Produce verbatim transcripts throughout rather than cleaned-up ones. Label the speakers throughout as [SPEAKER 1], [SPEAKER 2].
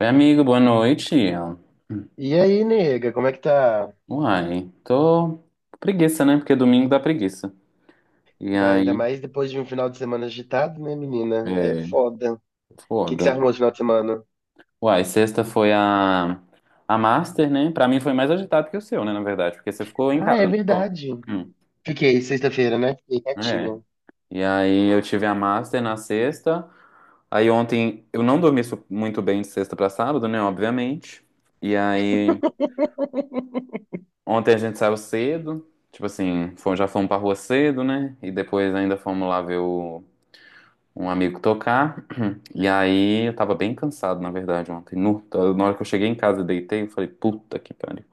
[SPEAKER 1] Oi, amigo, boa noite.
[SPEAKER 2] E aí, nega, como é que tá?
[SPEAKER 1] Uai, tô com preguiça, né? Porque domingo dá preguiça. E
[SPEAKER 2] Ainda
[SPEAKER 1] aí,
[SPEAKER 2] mais depois de um final de semana agitado, né, menina? É
[SPEAKER 1] é,
[SPEAKER 2] foda. O que que você
[SPEAKER 1] foda.
[SPEAKER 2] arrumou de final de semana?
[SPEAKER 1] Uai, sexta foi a, a Master, né? Pra mim foi mais agitado que o seu, né? Na verdade, porque você ficou em
[SPEAKER 2] Ah,
[SPEAKER 1] casa,
[SPEAKER 2] é
[SPEAKER 1] não ficou?
[SPEAKER 2] verdade.
[SPEAKER 1] Hum,
[SPEAKER 2] Fiquei sexta-feira, né? Fiquei
[SPEAKER 1] é.
[SPEAKER 2] quietinha.
[SPEAKER 1] E aí eu tive a Master na sexta. Aí ontem eu não dormi su- muito bem de sexta pra sábado, né? Obviamente. E aí ontem a gente saiu cedo. Tipo assim, fomos- já fomos pra rua cedo, né? E depois ainda fomos lá ver o um amigo tocar. E aí eu tava bem cansado, na verdade, ontem. Nu, Então, na hora que eu cheguei em casa e deitei, eu falei, puta que pariu.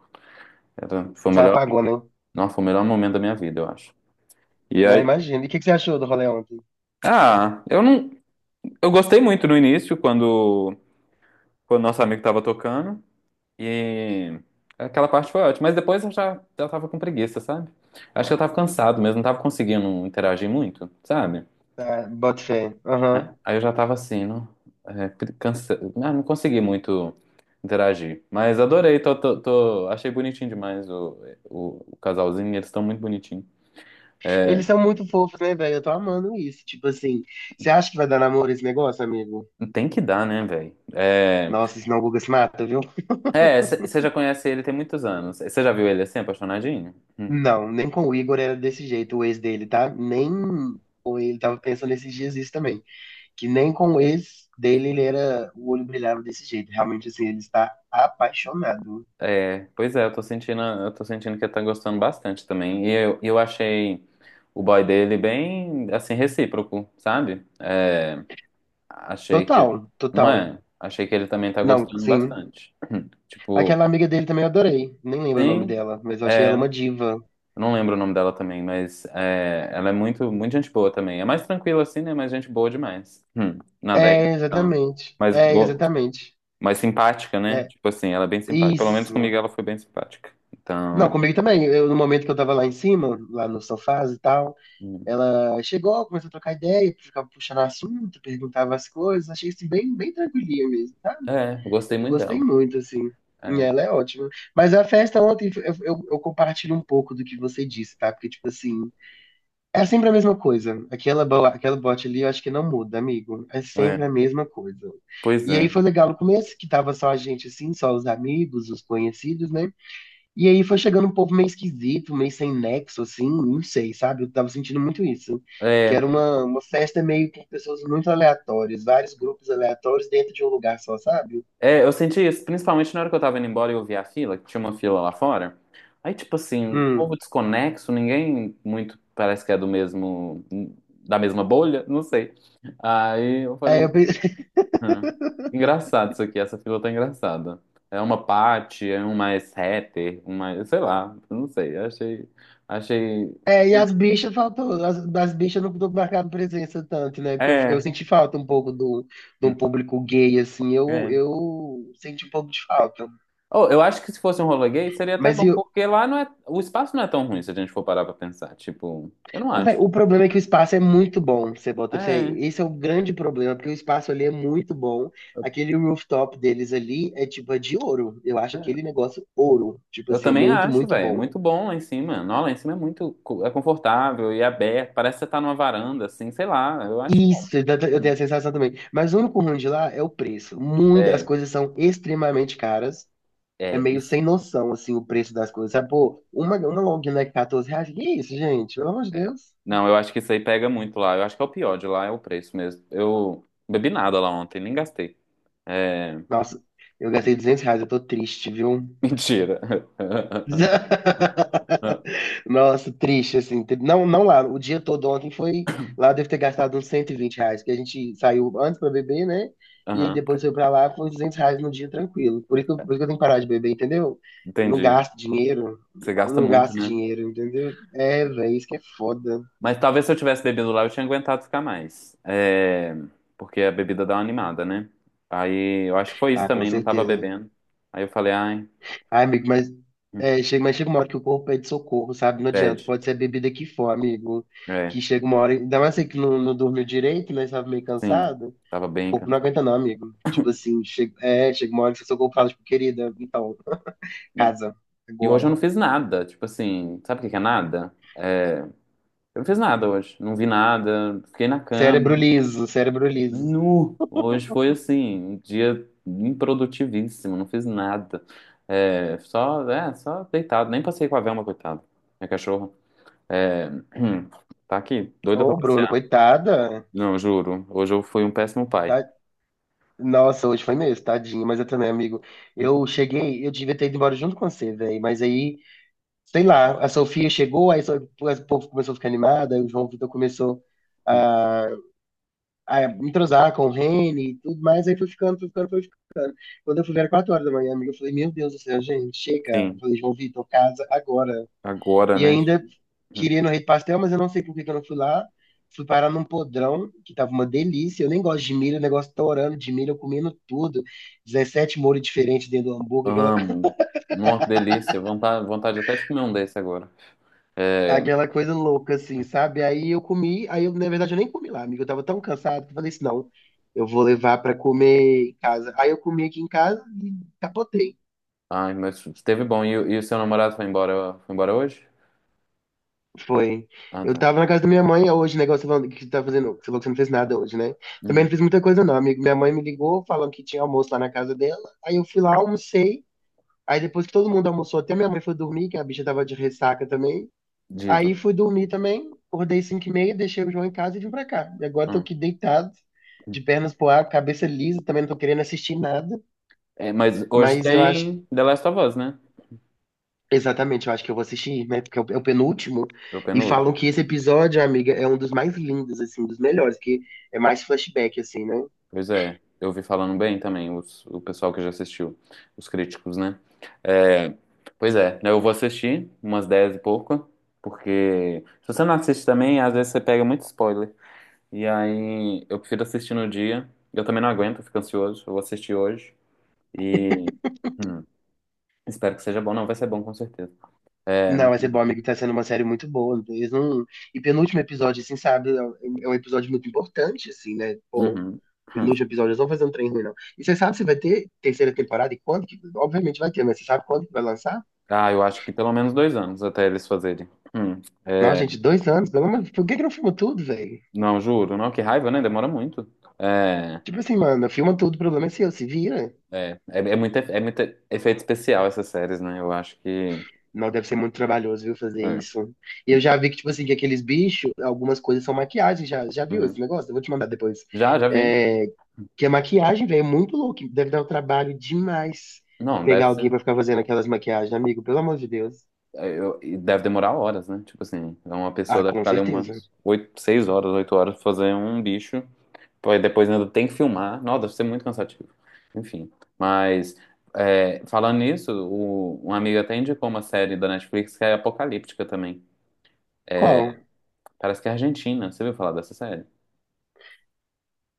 [SPEAKER 1] Era, foi o
[SPEAKER 2] Só
[SPEAKER 1] melhor,
[SPEAKER 2] apagou, né?
[SPEAKER 1] não, foi o melhor momento da minha vida, eu acho. E
[SPEAKER 2] Não,
[SPEAKER 1] aí,
[SPEAKER 2] imagina. E o que que você achou do rolê ontem?
[SPEAKER 1] ah, eu não, eu gostei muito no início quando quando nosso amigo tava tocando e aquela parte foi ótima, mas depois eu já já tava com preguiça, sabe? Acho que eu tava cansado mesmo, não tava conseguindo interagir muito, sabe?
[SPEAKER 2] Ah, bota fé. Aham.
[SPEAKER 1] Aí eu já tava assim, não, é, cansa... não, não consegui muito interagir. Mas adorei, tô, tô- tô- achei bonitinho demais o, o, o casalzinho, eles estão muito bonitinhos. É,
[SPEAKER 2] Eles são muito fofos, né, velho? Eu tô amando isso. Tipo assim, você acha que vai dar namoro esse negócio, amigo?
[SPEAKER 1] tem que dar, né, velho? É,
[SPEAKER 2] Nossa, senão o Guga se mata, viu?
[SPEAKER 1] é, você já conhece ele tem muitos anos. Você já viu ele assim, apaixonadinho? Hum.
[SPEAKER 2] Não, nem com o Igor era desse jeito, o ex dele, tá? Nem com ele tava pensando esses dias isso também. Que nem com o ex dele ele era, o olho brilhava desse jeito. Realmente, assim, ele está apaixonado.
[SPEAKER 1] É, pois é, eu tô sentindo, eu tô sentindo que ele tá gostando bastante também. E eu, eu achei o boy dele bem, assim, recíproco, sabe? É, achei que ele,
[SPEAKER 2] Total,
[SPEAKER 1] não
[SPEAKER 2] total.
[SPEAKER 1] é? Achei que ele também tá
[SPEAKER 2] Não,
[SPEAKER 1] gostando
[SPEAKER 2] sim.
[SPEAKER 1] bastante. Tipo,
[SPEAKER 2] Aquela amiga dele também eu adorei. Nem lembro o nome
[SPEAKER 1] sim,
[SPEAKER 2] dela, mas eu achei ela uma
[SPEAKER 1] é,
[SPEAKER 2] diva.
[SPEAKER 1] eu não lembro o nome dela também, mas é, ela é muito, muito gente boa também. É mais tranquila assim, né? Mas gente boa demais. Hum, nada aí,
[SPEAKER 2] É,
[SPEAKER 1] então.
[SPEAKER 2] exatamente.
[SPEAKER 1] Mas
[SPEAKER 2] É,
[SPEAKER 1] boa,
[SPEAKER 2] exatamente.
[SPEAKER 1] mais simpática, né?
[SPEAKER 2] É,
[SPEAKER 1] Tipo assim, ela é bem simpática. Pelo menos comigo
[SPEAKER 2] isso.
[SPEAKER 1] ela foi bem simpática.
[SPEAKER 2] Não,
[SPEAKER 1] Então,
[SPEAKER 2] comigo também. Eu, no momento que eu tava lá em cima, lá no sofá e tal,
[SPEAKER 1] hum,
[SPEAKER 2] ela chegou, começou a trocar ideia, ficava puxando assunto, perguntava as coisas. Achei isso bem, bem tranquilinha mesmo, tá?
[SPEAKER 1] é, eu gostei
[SPEAKER 2] Eu
[SPEAKER 1] muito
[SPEAKER 2] gostei
[SPEAKER 1] dela.
[SPEAKER 2] muito, assim. E
[SPEAKER 1] É,
[SPEAKER 2] ela é ótima. Mas a festa ontem, eu, eu, eu compartilho um pouco do que você disse, tá? Porque, tipo assim, é sempre a mesma coisa. Aquela, bo- aquela bote ali, eu acho que não muda, amigo. É
[SPEAKER 1] é,
[SPEAKER 2] sempre a mesma coisa.
[SPEAKER 1] pois
[SPEAKER 2] E aí
[SPEAKER 1] é.
[SPEAKER 2] foi legal no começo, que tava só a gente, assim, só os amigos, os conhecidos, né? E aí foi chegando um povo meio esquisito, meio sem nexo, assim, não sei, sabe? Eu tava sentindo muito isso. Que
[SPEAKER 1] É,
[SPEAKER 2] era uma, uma festa meio com pessoas muito aleatórias, vários grupos aleatórios dentro de um lugar só, sabe?
[SPEAKER 1] É, eu senti isso, principalmente na hora que eu tava indo embora e eu vi a fila, que tinha uma fila lá fora. Aí, tipo assim, um povo
[SPEAKER 2] Hum.
[SPEAKER 1] desconexo, ninguém muito parece que é do mesmo, da mesma bolha, não sei. Aí eu
[SPEAKER 2] Aí
[SPEAKER 1] falei,
[SPEAKER 2] eu, pe-
[SPEAKER 1] "Hum, engraçado isso aqui, essa fila tá engraçada. É uma Paty, é um mais hater, um mais, sei lá, não sei, achei, achei,
[SPEAKER 2] É, e as bichas faltou, as, das bichas eu não tô marcando presença tanto, né? Porque eu, fiquei- eu
[SPEAKER 1] é,
[SPEAKER 2] senti falta um pouco do, de um
[SPEAKER 1] hum,
[SPEAKER 2] público gay, assim, eu,
[SPEAKER 1] é.
[SPEAKER 2] eu senti um pouco de falta.
[SPEAKER 1] Oh, eu acho que se fosse um rolê gay seria até
[SPEAKER 2] Mas e
[SPEAKER 1] bom,
[SPEAKER 2] o
[SPEAKER 1] porque lá não é, o espaço não é tão ruim se a gente for parar pra pensar, tipo, eu não
[SPEAKER 2] ô, véi,
[SPEAKER 1] acho.
[SPEAKER 2] o problema é que o espaço é muito bom, você bota fé.
[SPEAKER 1] É,
[SPEAKER 2] Esse é o grande problema, porque o espaço ali é muito bom. Aquele rooftop deles ali é tipo é de ouro. Eu acho aquele
[SPEAKER 1] é.
[SPEAKER 2] negócio ouro. Tipo
[SPEAKER 1] Eu
[SPEAKER 2] assim, é
[SPEAKER 1] também
[SPEAKER 2] muito,
[SPEAKER 1] acho,
[SPEAKER 2] muito
[SPEAKER 1] velho.
[SPEAKER 2] bom.
[SPEAKER 1] Muito bom lá em cima. Não, lá em cima é muito co- é confortável e aberto. Parece que você tá numa varanda, assim, sei lá. Eu acho bom.
[SPEAKER 2] Isso, eu tenho eu tenho a sensação também. Mas o único ruim de lá é o preço. Muito, as
[SPEAKER 1] É,
[SPEAKER 2] coisas são extremamente caras. É
[SPEAKER 1] é,
[SPEAKER 2] meio
[SPEAKER 1] isso.
[SPEAKER 2] sem noção, assim, o preço das coisas. Sabe, pô, uma, uma long neck, quatorze reais. Que isso, gente? Pelo amor de
[SPEAKER 1] É.
[SPEAKER 2] Deus.
[SPEAKER 1] Não, eu acho que isso aí pega muito lá. Eu acho que é o pior de lá, é o preço mesmo. Eu bebi nada lá ontem, nem gastei. É,
[SPEAKER 2] Nossa, eu gastei duzentos reais, eu tô triste, viu?
[SPEAKER 1] mentira.
[SPEAKER 2] Nossa, triste, assim. tri- Não, não lá, o dia todo ontem foi. Lá eu devo ter gastado uns cento e vinte reais, porque a gente saiu antes pra beber, né? E aí
[SPEAKER 1] Aham,
[SPEAKER 2] depois foi pra lá, foi duzentos reais no dia tranquilo. Por isso, que eu- por isso que eu tenho que parar de beber, entendeu? Não
[SPEAKER 1] entendi.
[SPEAKER 2] gasto dinheiro,
[SPEAKER 1] Você
[SPEAKER 2] eu
[SPEAKER 1] gasta
[SPEAKER 2] não
[SPEAKER 1] muito,
[SPEAKER 2] gasto
[SPEAKER 1] né?
[SPEAKER 2] dinheiro, entendeu? É, velho, isso que é foda.
[SPEAKER 1] Mas talvez se eu tivesse bebido lá, eu tinha aguentado ficar mais. É, porque a bebida dá uma animada, né? Aí eu acho que foi isso
[SPEAKER 2] Ah, com
[SPEAKER 1] também, não tava
[SPEAKER 2] certeza.
[SPEAKER 1] bebendo. Aí eu falei, ai,
[SPEAKER 2] Ai, amigo, mas,
[SPEAKER 1] hum,
[SPEAKER 2] é, chega, mas chega uma hora que o corpo pede socorro, sabe? Não
[SPEAKER 1] bad.
[SPEAKER 2] adianta. Pode ser a bebida que for, amigo.
[SPEAKER 1] É,
[SPEAKER 2] Que chega uma hora. Ainda mais você que não, não dormiu direito, né? Sabe, meio
[SPEAKER 1] sim,
[SPEAKER 2] cansado.
[SPEAKER 1] tava bem
[SPEAKER 2] O corpo não
[SPEAKER 1] cansado.
[SPEAKER 2] aguenta, não, amigo. Tipo assim, chega, é, chega uma hora que o seu corpo fala, tipo, querida, então,
[SPEAKER 1] Não.
[SPEAKER 2] casa,
[SPEAKER 1] E hoje
[SPEAKER 2] agora.
[SPEAKER 1] eu não fiz nada, tipo assim, sabe o que que é nada? É, eu não fiz nada hoje, não vi nada, fiquei na
[SPEAKER 2] Cérebro
[SPEAKER 1] cama,
[SPEAKER 2] liso, cérebro liso.
[SPEAKER 1] nu. Hoje foi assim, um dia improdutivíssimo, não fiz nada. É, só, é, só deitado, nem passei com a Velma, coitada, minha cachorra. É, tá aqui, doida pra
[SPEAKER 2] Ô, Bruno,
[SPEAKER 1] passear.
[SPEAKER 2] coitada.
[SPEAKER 1] Não, juro. Hoje eu fui um péssimo pai.
[SPEAKER 2] Tá... Nossa, hoje foi mesmo, tadinho, mas eu também, amigo. Eu cheguei, eu devia ter ido embora junto com você, velho. Mas aí, sei lá, a Sofia chegou, aí só- o povo começou a ficar animado, aí o João Vitor começou a, a entrosar com o Reni e tudo mais, aí foi ficando, foi ficando, foi ficando. Quando eu fui ver era quatro horas da manhã, amiga, eu falei, meu Deus do céu, gente, chega. Eu
[SPEAKER 1] Sim,
[SPEAKER 2] falei, João Vitor, casa agora.
[SPEAKER 1] agora,
[SPEAKER 2] E
[SPEAKER 1] né?
[SPEAKER 2] ainda queria ir no Rei do Pastel, mas eu não sei por que que eu não fui lá. Fui parar num podrão, que tava uma delícia. Eu nem gosto de milho, o negócio torando de milho, eu comendo tudo. dezessete molhos diferentes dentro do hambúrguer, aquela,
[SPEAKER 1] Amo. Nossa, que delícia. Vontade, vontade até de comer um desse agora. É,
[SPEAKER 2] aquela coisa louca, assim, sabe? Aí eu comi, aí eu, na verdade, eu nem comi lá, amigo. Eu tava tão cansado que eu falei assim, não, eu vou levar pra comer em casa. Aí eu comi aqui em casa e capotei.
[SPEAKER 1] ai, mas esteve bom. E, o e o seu namorado foi embora, foi embora hoje?
[SPEAKER 2] Foi.
[SPEAKER 1] Ah,
[SPEAKER 2] Eu
[SPEAKER 1] tá.
[SPEAKER 2] tava na casa da minha mãe hoje, negócio falando que você tá fazendo, você falou que você não fez nada hoje, né? Também não
[SPEAKER 1] Uhum.
[SPEAKER 2] fiz muita coisa não, amigo. Minha mãe me ligou falando que tinha almoço lá na casa dela. Aí eu fui lá, almocei. Aí depois que todo mundo almoçou, até minha mãe foi dormir, que a bicha tava de ressaca também.
[SPEAKER 1] Diva.
[SPEAKER 2] Aí fui dormir também, acordei cinco e meia, deixei o João em casa e vim pra cá. E agora tô
[SPEAKER 1] Hum.
[SPEAKER 2] aqui deitado, de pernas pro ar, cabeça lisa, também não tô querendo assistir nada,
[SPEAKER 1] É, mas hoje
[SPEAKER 2] mas eu acho,
[SPEAKER 1] tem The Last of Us, né?
[SPEAKER 2] exatamente, eu acho que eu vou assistir, né, porque é o, é o penúltimo,
[SPEAKER 1] Pro
[SPEAKER 2] e falam
[SPEAKER 1] penúltimo.
[SPEAKER 2] que esse episódio, amiga, é um dos mais lindos, assim, um dos melhores, que é mais flashback, assim, né?
[SPEAKER 1] Pois é, eu ouvi falando bem também, os- o pessoal que já assistiu, os críticos, né? É, pois é, né, eu vou assistir umas dez e pouco, porque se você não assiste também, às vezes você pega muito spoiler. E aí eu prefiro assistir no dia, eu também não aguento, eu fico ansioso, eu vou assistir hoje e hum, espero que seja bom. Não, vai ser bom com certeza. É, não
[SPEAKER 2] Não, mas é
[SPEAKER 1] tem
[SPEAKER 2] bom,
[SPEAKER 1] dúvida.
[SPEAKER 2] amigo, tá sendo uma série muito boa, eles não... E penúltimo episódio, assim, sabe, é um é um episódio muito importante, assim, né. Pô,
[SPEAKER 1] Uhum.
[SPEAKER 2] nos
[SPEAKER 1] Hum.
[SPEAKER 2] episódios eles vão fazer um trem ruim, não. E você sabe se vai ter terceira temporada e quando? que- Obviamente vai ter, mas você sabe quando que vai lançar?
[SPEAKER 1] Ah, eu acho que pelo menos dois anos até eles fazerem. Hum.
[SPEAKER 2] Nossa,
[SPEAKER 1] É,
[SPEAKER 2] gente, dois anos, pelo menos, por que que não filma tudo, velho?
[SPEAKER 1] não, juro, não, que raiva, né? Demora muito. É.
[SPEAKER 2] Tipo assim, mano, filma tudo, o problema é seu, se vira.
[SPEAKER 1] É, é, é muito, efe- é muito efeito especial essas séries, né? Eu acho que.
[SPEAKER 2] Não, deve ser muito trabalhoso, viu, fazer
[SPEAKER 1] É,
[SPEAKER 2] isso. E eu já vi que, tipo assim, que aqueles bichos, algumas coisas são maquiagem, já, já viu
[SPEAKER 1] uhum.
[SPEAKER 2] esse negócio? Eu vou te mandar depois.
[SPEAKER 1] Já, já vi.
[SPEAKER 2] É, que a maquiagem, velho, é muito louco, deve dar um trabalho demais
[SPEAKER 1] Não,
[SPEAKER 2] pegar
[SPEAKER 1] deve ser.
[SPEAKER 2] alguém pra ficar fazendo aquelas maquiagens, amigo, pelo amor de Deus.
[SPEAKER 1] É, eu- e deve demorar horas, né? Tipo assim, então uma pessoa
[SPEAKER 2] Ah,
[SPEAKER 1] deve
[SPEAKER 2] com
[SPEAKER 1] ficar ali
[SPEAKER 2] certeza.
[SPEAKER 1] umas oito, seis horas, oito horas pra fazer um bicho, pô, e depois ainda tem que filmar. Nossa, deve ser muito cansativo. Enfim, mas é, falando nisso, o, um amigo até indicou uma série da Netflix que é apocalíptica também.
[SPEAKER 2] Qual?
[SPEAKER 1] Parece que é argentina. Você viu falar dessa série?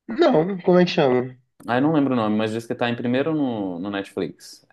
[SPEAKER 2] Não, como é que chama?
[SPEAKER 1] Ah, eu não lembro o nome, mas diz que tá em primeiro no, no Netflix.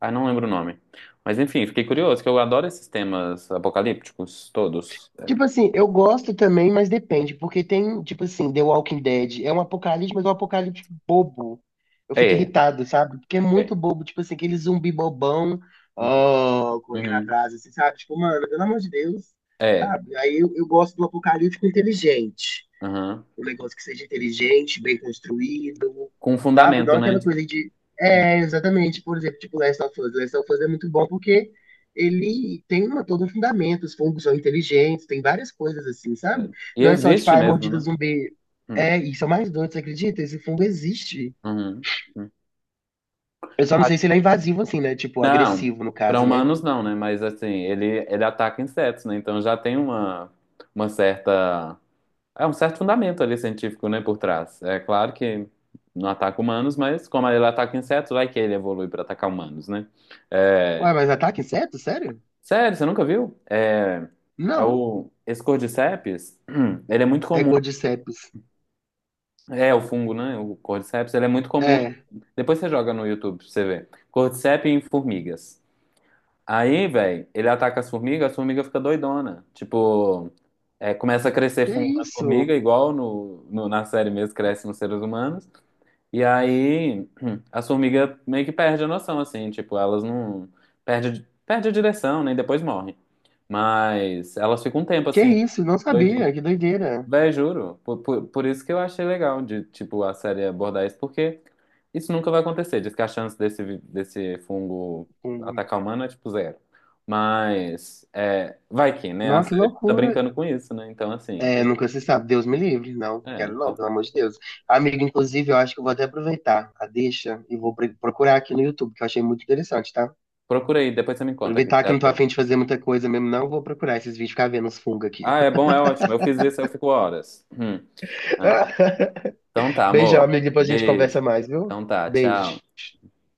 [SPEAKER 1] Ah, não lembro o nome. Mas enfim, fiquei curioso, que eu adoro esses temas apocalípticos todos.
[SPEAKER 2] Tipo assim, eu gosto também, mas depende, porque tem, tipo assim, The Walking Dead, é um apocalipse, mas é um apocalipse bobo. Eu
[SPEAKER 1] É,
[SPEAKER 2] fico
[SPEAKER 1] é.
[SPEAKER 2] irritado, sabe? Porque é muito
[SPEAKER 1] É.
[SPEAKER 2] bobo, tipo assim, aquele zumbi bobão,
[SPEAKER 1] Uhum.
[SPEAKER 2] ó, correndo
[SPEAKER 1] Uhum.
[SPEAKER 2] atrás, assim, sabe? Tipo, mano, pelo amor de Deus,
[SPEAKER 1] É,
[SPEAKER 2] sabe? Aí eu, eu gosto do apocalíptico inteligente.
[SPEAKER 1] uhum.
[SPEAKER 2] Um negócio que seja inteligente, bem construído,
[SPEAKER 1] Com
[SPEAKER 2] sabe? Não
[SPEAKER 1] fundamento, né?
[SPEAKER 2] aquela coisa de. É, exatamente, por exemplo, tipo Last of Us. Last of Us é muito bom porque ele tem uma, todo um fundamento, os fungos são inteligentes, tem várias coisas assim,
[SPEAKER 1] É.
[SPEAKER 2] sabe?
[SPEAKER 1] E
[SPEAKER 2] Não é só tipo,
[SPEAKER 1] existe
[SPEAKER 2] ah,
[SPEAKER 1] mesmo,
[SPEAKER 2] mordida
[SPEAKER 1] né?
[SPEAKER 2] zumbi.
[SPEAKER 1] Hum.
[SPEAKER 2] É, e são mais doidos, você acredita? Esse fungo existe.
[SPEAKER 1] Uhum. Hum.
[SPEAKER 2] Eu só não
[SPEAKER 1] Claro.
[SPEAKER 2] sei se ele é invasivo assim, né? Tipo,
[SPEAKER 1] Não,
[SPEAKER 2] agressivo no
[SPEAKER 1] para
[SPEAKER 2] caso, né?
[SPEAKER 1] humanos não, né? Mas assim, ele, ele ataca insetos, né? Então já tem uma, uma certa. É um certo fundamento ali científico, né, por trás. É claro que não ataca humanos, mas como ele ataca insetos, vai que ele evolui para atacar humanos, né? É,
[SPEAKER 2] Ué, mas ataca inseto? Sério?
[SPEAKER 1] sério, você nunca viu? É, é
[SPEAKER 2] Não.
[SPEAKER 1] o, esse Cordyceps, ele é muito
[SPEAKER 2] É
[SPEAKER 1] comum.
[SPEAKER 2] Cordyceps.
[SPEAKER 1] É o fungo, né? O Cordyceps, ele é muito comum.
[SPEAKER 2] É.
[SPEAKER 1] Depois você joga no YouTube pra você ver. Cordyceps em formigas. Aí, velho, ele ataca as formigas, as formigas ficam doidona. Tipo, é, começa a crescer
[SPEAKER 2] Que
[SPEAKER 1] fungo na
[SPEAKER 2] isso?
[SPEAKER 1] formiga, igual no, no- na série mesmo, cresce nos seres humanos. E aí as formigas meio que perdem a noção, assim, tipo, elas não. Perde, perde a direção, né? E depois morrem. Mas elas ficam um tempo
[SPEAKER 2] Que
[SPEAKER 1] assim,
[SPEAKER 2] isso? Não sabia.
[SPEAKER 1] doidinha.
[SPEAKER 2] Que doideira.
[SPEAKER 1] Véi, juro. Por, por, por isso que eu achei legal de, tipo, a série abordar isso, porque isso nunca vai acontecer. Diz que a chance desse, vi- desse fungo
[SPEAKER 2] Fungo.
[SPEAKER 1] atacar o humano é tipo zero. Mas é, vai que, né? A
[SPEAKER 2] Não, que
[SPEAKER 1] série tá
[SPEAKER 2] loucura.
[SPEAKER 1] brincando com isso, né? Então, assim,
[SPEAKER 2] É,
[SPEAKER 1] tem.
[SPEAKER 2] nunca se sabe. Deus me livre. Não,
[SPEAKER 1] É,
[SPEAKER 2] quero
[SPEAKER 1] então,
[SPEAKER 2] não, pelo amor de Deus. Amigo, inclusive, eu acho que eu vou até aproveitar a deixa e vou pre- procurar aqui no you tube, que eu achei muito interessante, tá?
[SPEAKER 1] procura aí, depois você me conta o que que
[SPEAKER 2] Aproveitar
[SPEAKER 1] tá
[SPEAKER 2] que eu não tô
[SPEAKER 1] achando.
[SPEAKER 2] afim de fazer muita coisa mesmo, não. Vou procurar esses vídeos, ficar vendo os fungos aqui.
[SPEAKER 1] Ah, é bom, é ótimo. Eu fiz isso, eu fico horas. Hum. Ah, então tá,
[SPEAKER 2] Beijão,
[SPEAKER 1] amor.
[SPEAKER 2] amigo. Depois a gente conversa
[SPEAKER 1] Beijo.
[SPEAKER 2] mais, viu?
[SPEAKER 1] Então tá,
[SPEAKER 2] Beijo.
[SPEAKER 1] tchau.